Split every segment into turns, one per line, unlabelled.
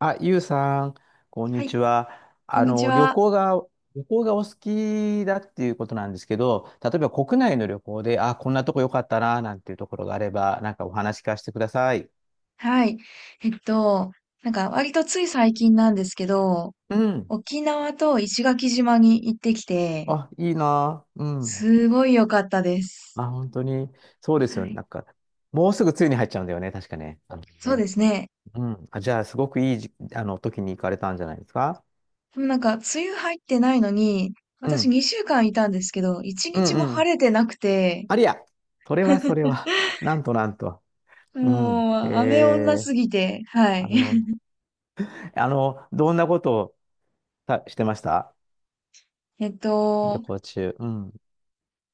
あ、ゆうさん、こん
は
に
い、
ちは。
こんにち
旅
は。
行が、お好きだっていうことなんですけど、例えば国内の旅行で、あ、こんなとこ良かったな、なんていうところがあれば、なんかお話聞かせてください。
はい。えっと、なんか割とつい最近なんですけど、
うん。
沖縄と石垣島に行ってきて、
あ、いいな。うん。
すごい良かったです。
あ、本当に。そうです
は
よね。
い。
なんか、もうすぐ梅雨に入っちゃうんだよね。確かね。あの
そうで
ね。
すね。
うん。あ、じゃあ、すごくいいじ、あの、時に行かれたんじゃないですか？
でもなんか梅雨入ってないのに、
う
私
ん。
2週間いたんですけど、1
う
日
ん
も
う
晴
ん。
れてなくて、
ありゃ。それはそれ は。なんとなんと。うん。へ
もう雨女
え。
すぎて、はい。
食べ物。どんなことをたしてました
えっ
旅
と、
行中。うん。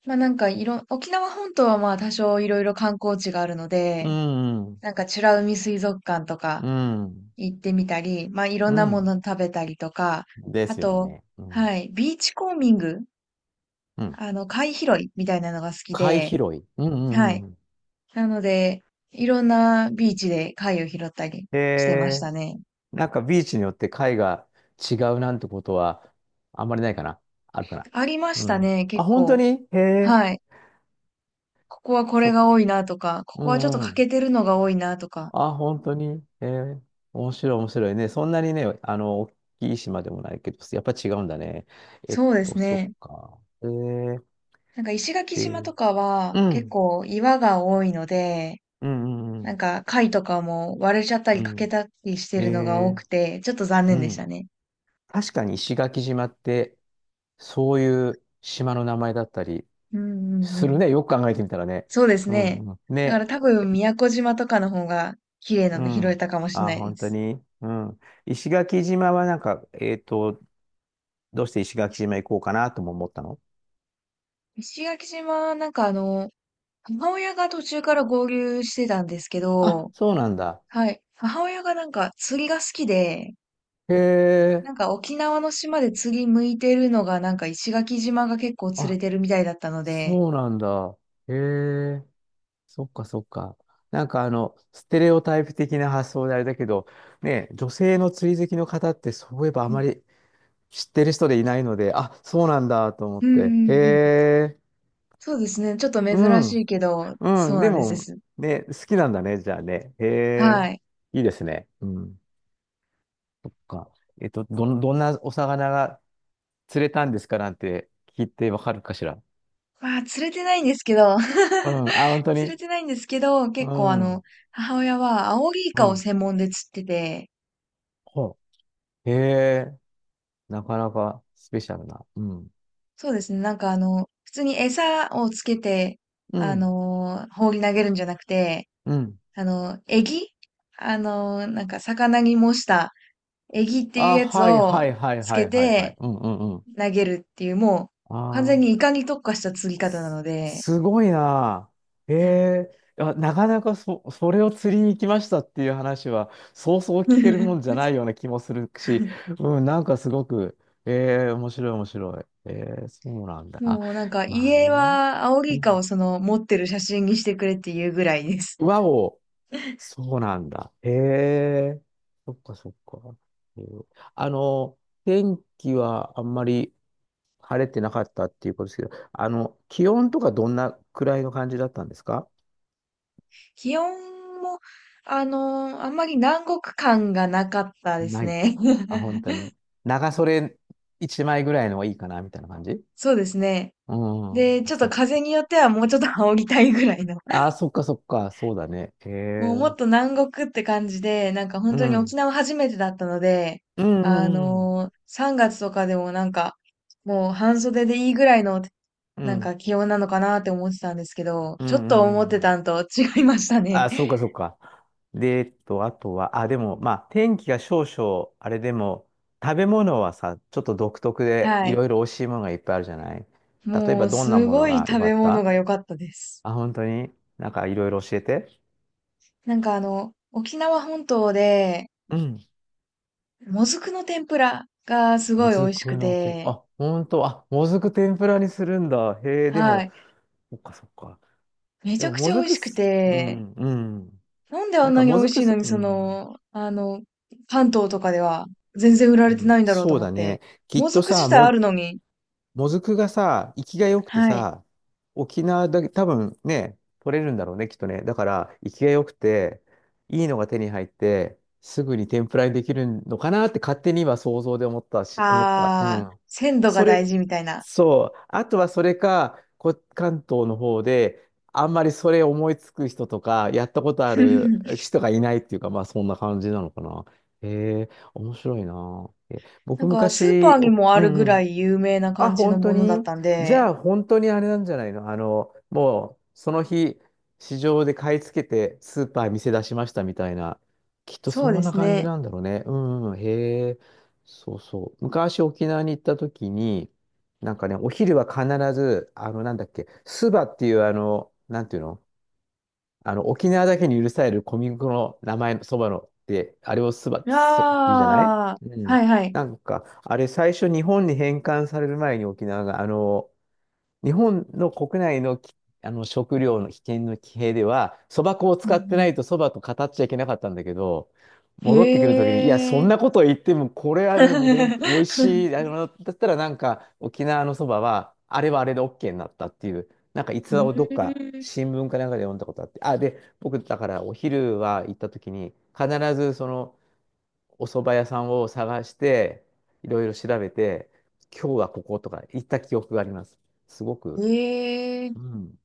まあ、なんかいろ、沖縄本島はまあ多少いろいろ観光地があるの
う
で、
ん。
なんか美ら海水族館とか、
うん。
行ってみたり、まあ、いろ
う
んなも
ん。
の食べたりとか、
で
あ
すよ
と、
ね。うん。
はい、ビーチコーミング、
うん。
あの、貝拾いみたいなのが好き
貝拾
で、
い。うんう
は
ん
い。
うん。
なので、いろんなビーチで貝を拾ったり
へ
してまし
え、
たね。
なんかビーチによって貝が違うなんてことはあんまりないかな。あるかな？
ありまし
う
た
ん。
ね、
あ、
結
本当
構。
に。へえ、
はい。ここはこ
そ
れ
っ
が
か。
多いなとか、こ
う
こはちょっと
んう
欠
ん。
けてるのが多いなとか。
あ、本当に。面白い、面白いね。そんなにね、大きい島でもないけど、やっぱ違うんだね。
そうです
そっ
ね。
か。
なんか石垣島
で、
とかは
う
結
ん、
構岩が多いので、
うんう
なん
ん、
か貝とかも割れちゃった
う
り欠け
ん、
たりして
うん。
るのが
え
多
ー、
くて、ちょっと残
う
念でした
ん。
ね。
確かに石垣島って、そういう島の名前だったり
うんうんう
する
ん。
ね。よく考えてみたらね。
そうです
う
ね。
ん、うん。
だか
ね。
ら多分宮古島とかの方が綺麗な
う
の拾え
ん。
たかもしれ
あ、
ないで
本当
す。
に。うん。石垣島はなんか、どうして石垣島行こうかなとも思ったの？
石垣島、なんかあの、母親が途中から合流してたんですけ
あ、
ど、
そうなんだ。
はい。母親がなんか釣りが好きで、
へえ、
なんか沖縄の島で釣り向いてるのがなんか石垣島が結構釣れ
あ、
てるみたいだったので、
そうなんだ。へえ、そっかそっか。なんかステレオタイプ的な発想であれだけど、ね、女性の釣り好きの方ってそういえばあ
う
ま
ん
り知ってる人でいないので、あ、そうなんだと思っ
う
て。
ん
へ
うん、
え、
そうですね。ちょっと
う
珍し
ん、
いけど、
う
そ
ん、
うな
で
んです。で
も、
す、
ね、好きなんだね、じゃあね。へ
は
え、
い。
いいですね。うん、そっか。どんなお魚が釣れたんですかなんて聞いてわかるかしら？
まあ、釣れてないんですけど、
う ん、あ、本当
釣れ
に。
てないんですけど、
う
結構あの、
ん。
母親はアオリイ
う
カを
ん。
専門で釣ってて、
ほうへえ、なかなかスペシャルな。うん。
そうですね。なんかあの、普通に餌をつけて、
うん。
放り投げるんじゃなくて、
うん。
あの、エギあの、なんか魚に模したエギっていう
あ、
やつ
はい
を
はいはい
つ
は
け
いはいは
て
い。うんうんうん。
投げるっていう、もう完全
あ
にイ
あ、
カに特化した釣り方なので、
すごいな。へえ、あ、なかなかそれを釣りに行きましたっていう話は、そうそう聞けるもんじゃな いような気もするし、うん、なんかすごく、ええ、面白い面白い。ええ、そうなんだ。あ、
もうなんか
まあ
家
ね。
はアオ
う
リイカを
ん。
その持ってる写真にしてくれっていうぐらいです。
和をそうなんだ。へえ。そっかそっか。えーあの、天気はあんまり晴れてなかったっていうことですけど、気温とかどんなくらいの感じだったんですか？
気温も、あんまり南国感がなかったです
ない。
ね。
あ、本当 に。長袖一枚ぐらいのがいいかな、みたいな感じ
そうですね。
うん。
で、
あ、
ちょっと
そっ
風によってはもうちょっと煽りたいぐらいの。
かあ、そっかそっか。そうだね。へ
もうもっ
え。
と南国って感じで、なんか本
う
当に沖
ん。
縄初めてだったので、
う
あ
んうん
のー、3月とかでもなんか、もう半袖でいいぐらいの、
うん。う
なんか
ん。
気温なのかなって思ってたんですけど、
うんう
ちょっと思っ
んう
て
ん。
たんと違いましたね。
あ、そうか、そうか。で、あとは、あ、でも、まあ、天気が少々、あれでも、食べ物はさ、ちょっと独特で、
は
い
い。
ろいろ美味しいものがいっぱいあるじゃない。例え
も
ば、
う、
どんな
す
もの
ごい
が良
食
か
べ
っ
物
た？
が良かったです。
あ、本当に、なんかいろいろ教えて。
なんかあの、沖縄本島で、
うん。
もずくの天ぷらがすご
も
い美
ず
味し
く
く
のて、
て、
あ、本当、あ、もずく天ぷらにするんだ。へえ、で
は
も、
い。
そっか、そっか。
めち
で
ゃ
も、
く
も
ちゃ美
ず
味
く
しく
す、う
て、
ん、うん。
なんであ
なん
ん
か、
なに
も
美
ず
味し
く
いの
す、
に、
う
そ
ん、
の、あの、関東とかでは全然売ら
う
れて
ん、
ないんだろうと
そう
思っ
だ
て。
ね。きっ
もず
と
く自
さ、
体あるのに、
もずくがさ、生きが良くて
はい。
さ、沖縄だけ、多分ね、取れるんだろうね、きっとね。だから、生きが良くて、いいのが手に入って、すぐに天ぷらにできるのかなって勝手に今想像で思ったし、思った。う
あー、
ん。
鮮度が
そ
大
れ、
事みたいな。
そう。あとはそれか、関東の方で、あんまりそれ思いつく人とか、やったことある 人がいないっていうか、まあそんな感じなのかな。へえ、面白いな。え、
な
僕
んか、スーパー
昔、
にもあ
う
る
ん
ぐ
う
ら
ん。
い有名な
あ、
感じの
本
も
当
のだっ
に、
たん
じ
で、
ゃあ本当にあれなんじゃないの？もうその日、市場で買い付けてスーパー店出しましたみたいな。きっと
そう
そ
で
んな
す
感じ
ね。
なんだろうね。うんうん、へえ。そうそう。昔沖縄に行った時に、なんかね、お昼は必ず、なんだっけ、スバっていうなんていうの、沖縄だけに許される小麦粉の名前のそばのって、あれを
あ
そって言うじゃない。
あ、
うん。
はいはい。
なんか、あれ最初日本に返還される前に沖縄が、日本の国内のき、あの食料の危険の騎兵では、そば粉を
うん
使
う
ってな
ん。
いとそばと語っちゃいけなかったんだけど、戻ってくるときに、いや、
へ
そ
え。
んなこと言っても、これはね、もうでん、美味しい、だったらなんか、沖縄のそばは、あれはあれで OK になったっていう、なんか逸
う
話をどっか
ーん。
新聞かなんかで読んだことあって、あ、で、僕、だからお昼は行ったときに、必ずその、お蕎麦屋さんを探して、いろいろ調べて、今日はこことか行った記憶があります。すご
へ
く、
え。い
うん。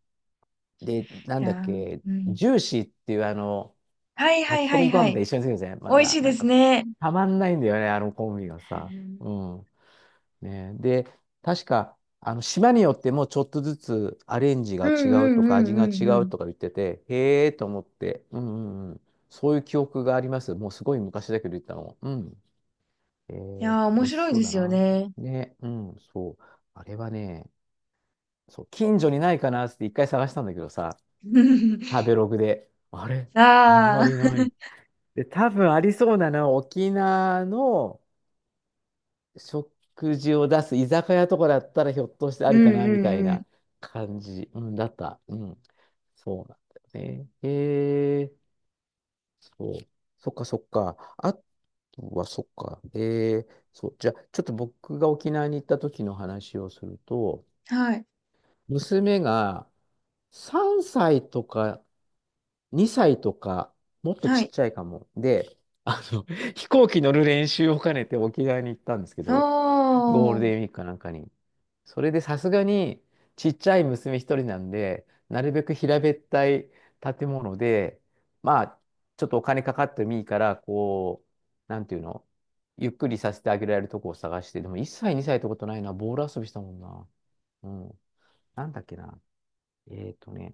で、なんだっ
や、
け、
うん。
ジューシーっていう
はいはい
炊き込
はい
みご飯
は
みた
い。
い一緒にするんですね。まあ、
美味し
まあ
いで
なん
す
か、
ね。
たまんないんだよね、あのコンビが
う
さ。
ん
うん。ね。で、確か、島によってもちょっとずつアレンジが
うん
違
う
うと
ん
か、
う
味が違
んう
う
ん。
とか言ってて、へえと思って、うんうんうん。そういう記憶があります。もうすごい昔だけど言ったの。うん。
いやー、面
美味し
白い
そう
で
だ
すよ
な。
ね。
ね、うん、そう。あれはね、そう、近所にないかなって一回探したんだけどさ、食 べログで、あれあん
あ
まり
あ、
ない。で、多分ありそうなのは沖縄の食事を出す居酒屋とかだったらひょっとしてあ
う
る
ん
か
う
なみたい
んうん。
な感じ、うん、だった。うん。そうなんだよね。へえ、そう。そっかそっか。あとはそっか。へえ、そう。じゃあ、ちょっと僕が沖縄に行った時の話をすると、
はい、
娘が3歳とか、2歳とか、もっと
は
ちっ
い。
ちゃいかも。で、あの、飛行機乗る練習を兼ねて沖縄に行ったんですけ
お
ど、ゴール
ー。
デンウィークかなんかに。それでさすがに、ちっちゃい娘一人なんで、なるべく平べったい建物で、まあ、ちょっとお金かかってもいいから、こう、なんていうの、ゆっくりさせてあげられるとこを探して、でも1歳、2歳ってことないな、ボール遊びしたもんな。うん。なんだっけな。えっとね、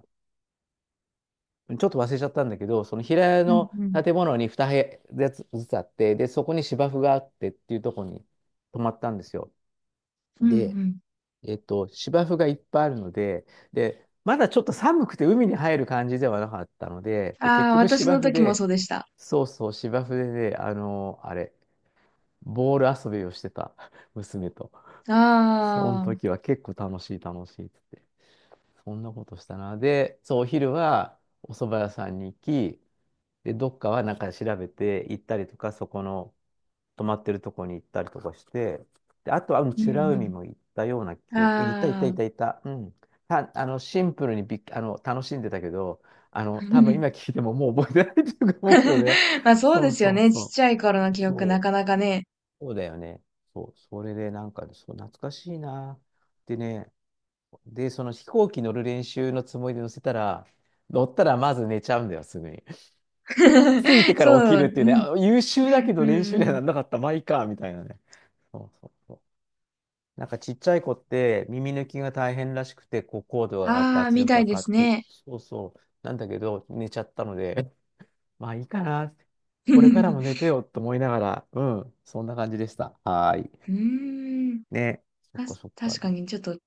ちょっと忘れちゃったんだけど、その平屋
うん
の
うん。
建物に2部屋ずつあって、で、そこに芝生があってっていうところに泊まったんですよ。
うんう
で、
ん。
芝生がいっぱいあるので、で、まだちょっと寒くて海に入る感じではなかったので、で、結
ああ、
局
私
芝
の
生
時も
で、
そうでした。
そうそう、芝生でね、あれ、ボール遊びをしてた 娘と。その
ああ、
時は結構楽しい楽しいっつって、そんなことしたな。で、そう、お昼はお蕎麦屋さんに行き、で、どっかはなんか調べて行ったりとか、そこの泊まってるとこに行ったりとかして、で、あとは、うん、
う
美ら
ん
海
う
も行ったような
ん。
記憶、行った行った
あ
行っ
あ。
た行った、うん。た、あの、シンプルにびっ、あの、楽しんでたけど、多分今 聞いてももう覚えてないというか思うけどね。
まあ、そう
そ
で
う
すよ
そう
ね。ちっ
そ
ちゃい頃の
う。
記憶
そ
な
う、
かなかね。
そうだよね。そう、それでなんか、そう、懐かしいな。でね、で、その飛行機乗る練習のつもりで乗せたら、乗ったらまず寝ちゃうんだよ、すぐに。ついて から起き
そ
る
う、
っていうね、
うん、
優秀
う
だけ
んう
ど練習には
ん。
なんなかったまあいいか、みたいなね。そうそうそう。なんかちっちゃい子って耳抜きが大変らしくて、こう高度が上がって
ああ、
圧
み
力
たい
がか
で
かっ
す
てく、
ね。
そうそう。なんだけど、寝ちゃったので、まあいいかな。これからも寝 てよと思いながら、うん、そんな感じでした。はーい。
うーん。
ね。そっかそっか。
確かにちょっと、ちっ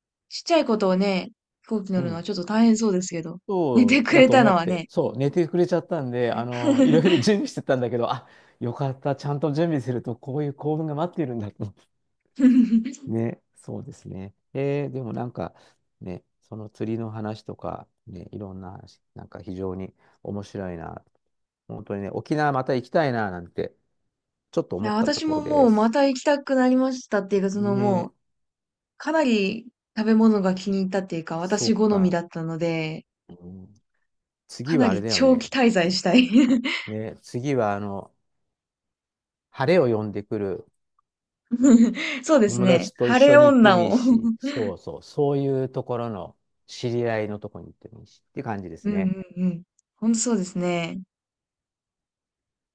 ちゃいことをね、飛行機乗
う
るのは
ん。
ちょっと大変そうですけど。寝て
そう
く
だ
れ
と
た
思
の
っ
は
て、
ね。
そう、寝てくれちゃったんで、いろいろ 準備してたんだけど、あ、よかった、ちゃんと準備すると、こういう幸運が待っているんだと、
い
ね、そうですね。でもなんかね、その釣りの話とか、ね、いろんな話、なんか非常に面白いな。本当にね、沖縄また行きたいななんて、ちょっと思
や、
ったと
私
こ
も
ろ
も
で
うま
す。
た行きたくなりましたっていうか、そのも
ね、
う、かなり食べ物が気に入ったっていうか、
そ
私
う
好み
か。
だったので、
うん、
か
次
な
はあれ
り
だよ
長期
ね。
滞在したい。
ね、次は晴れを呼んでくる
そうです
友
ね。
達と一
晴れ
緒に行って
女
もいい
を う
し、
ん
そうそう、そういうところの知り合いのとこに行ってもいいしっていう感じで
う
すね。
んうん。ほんとそうですね。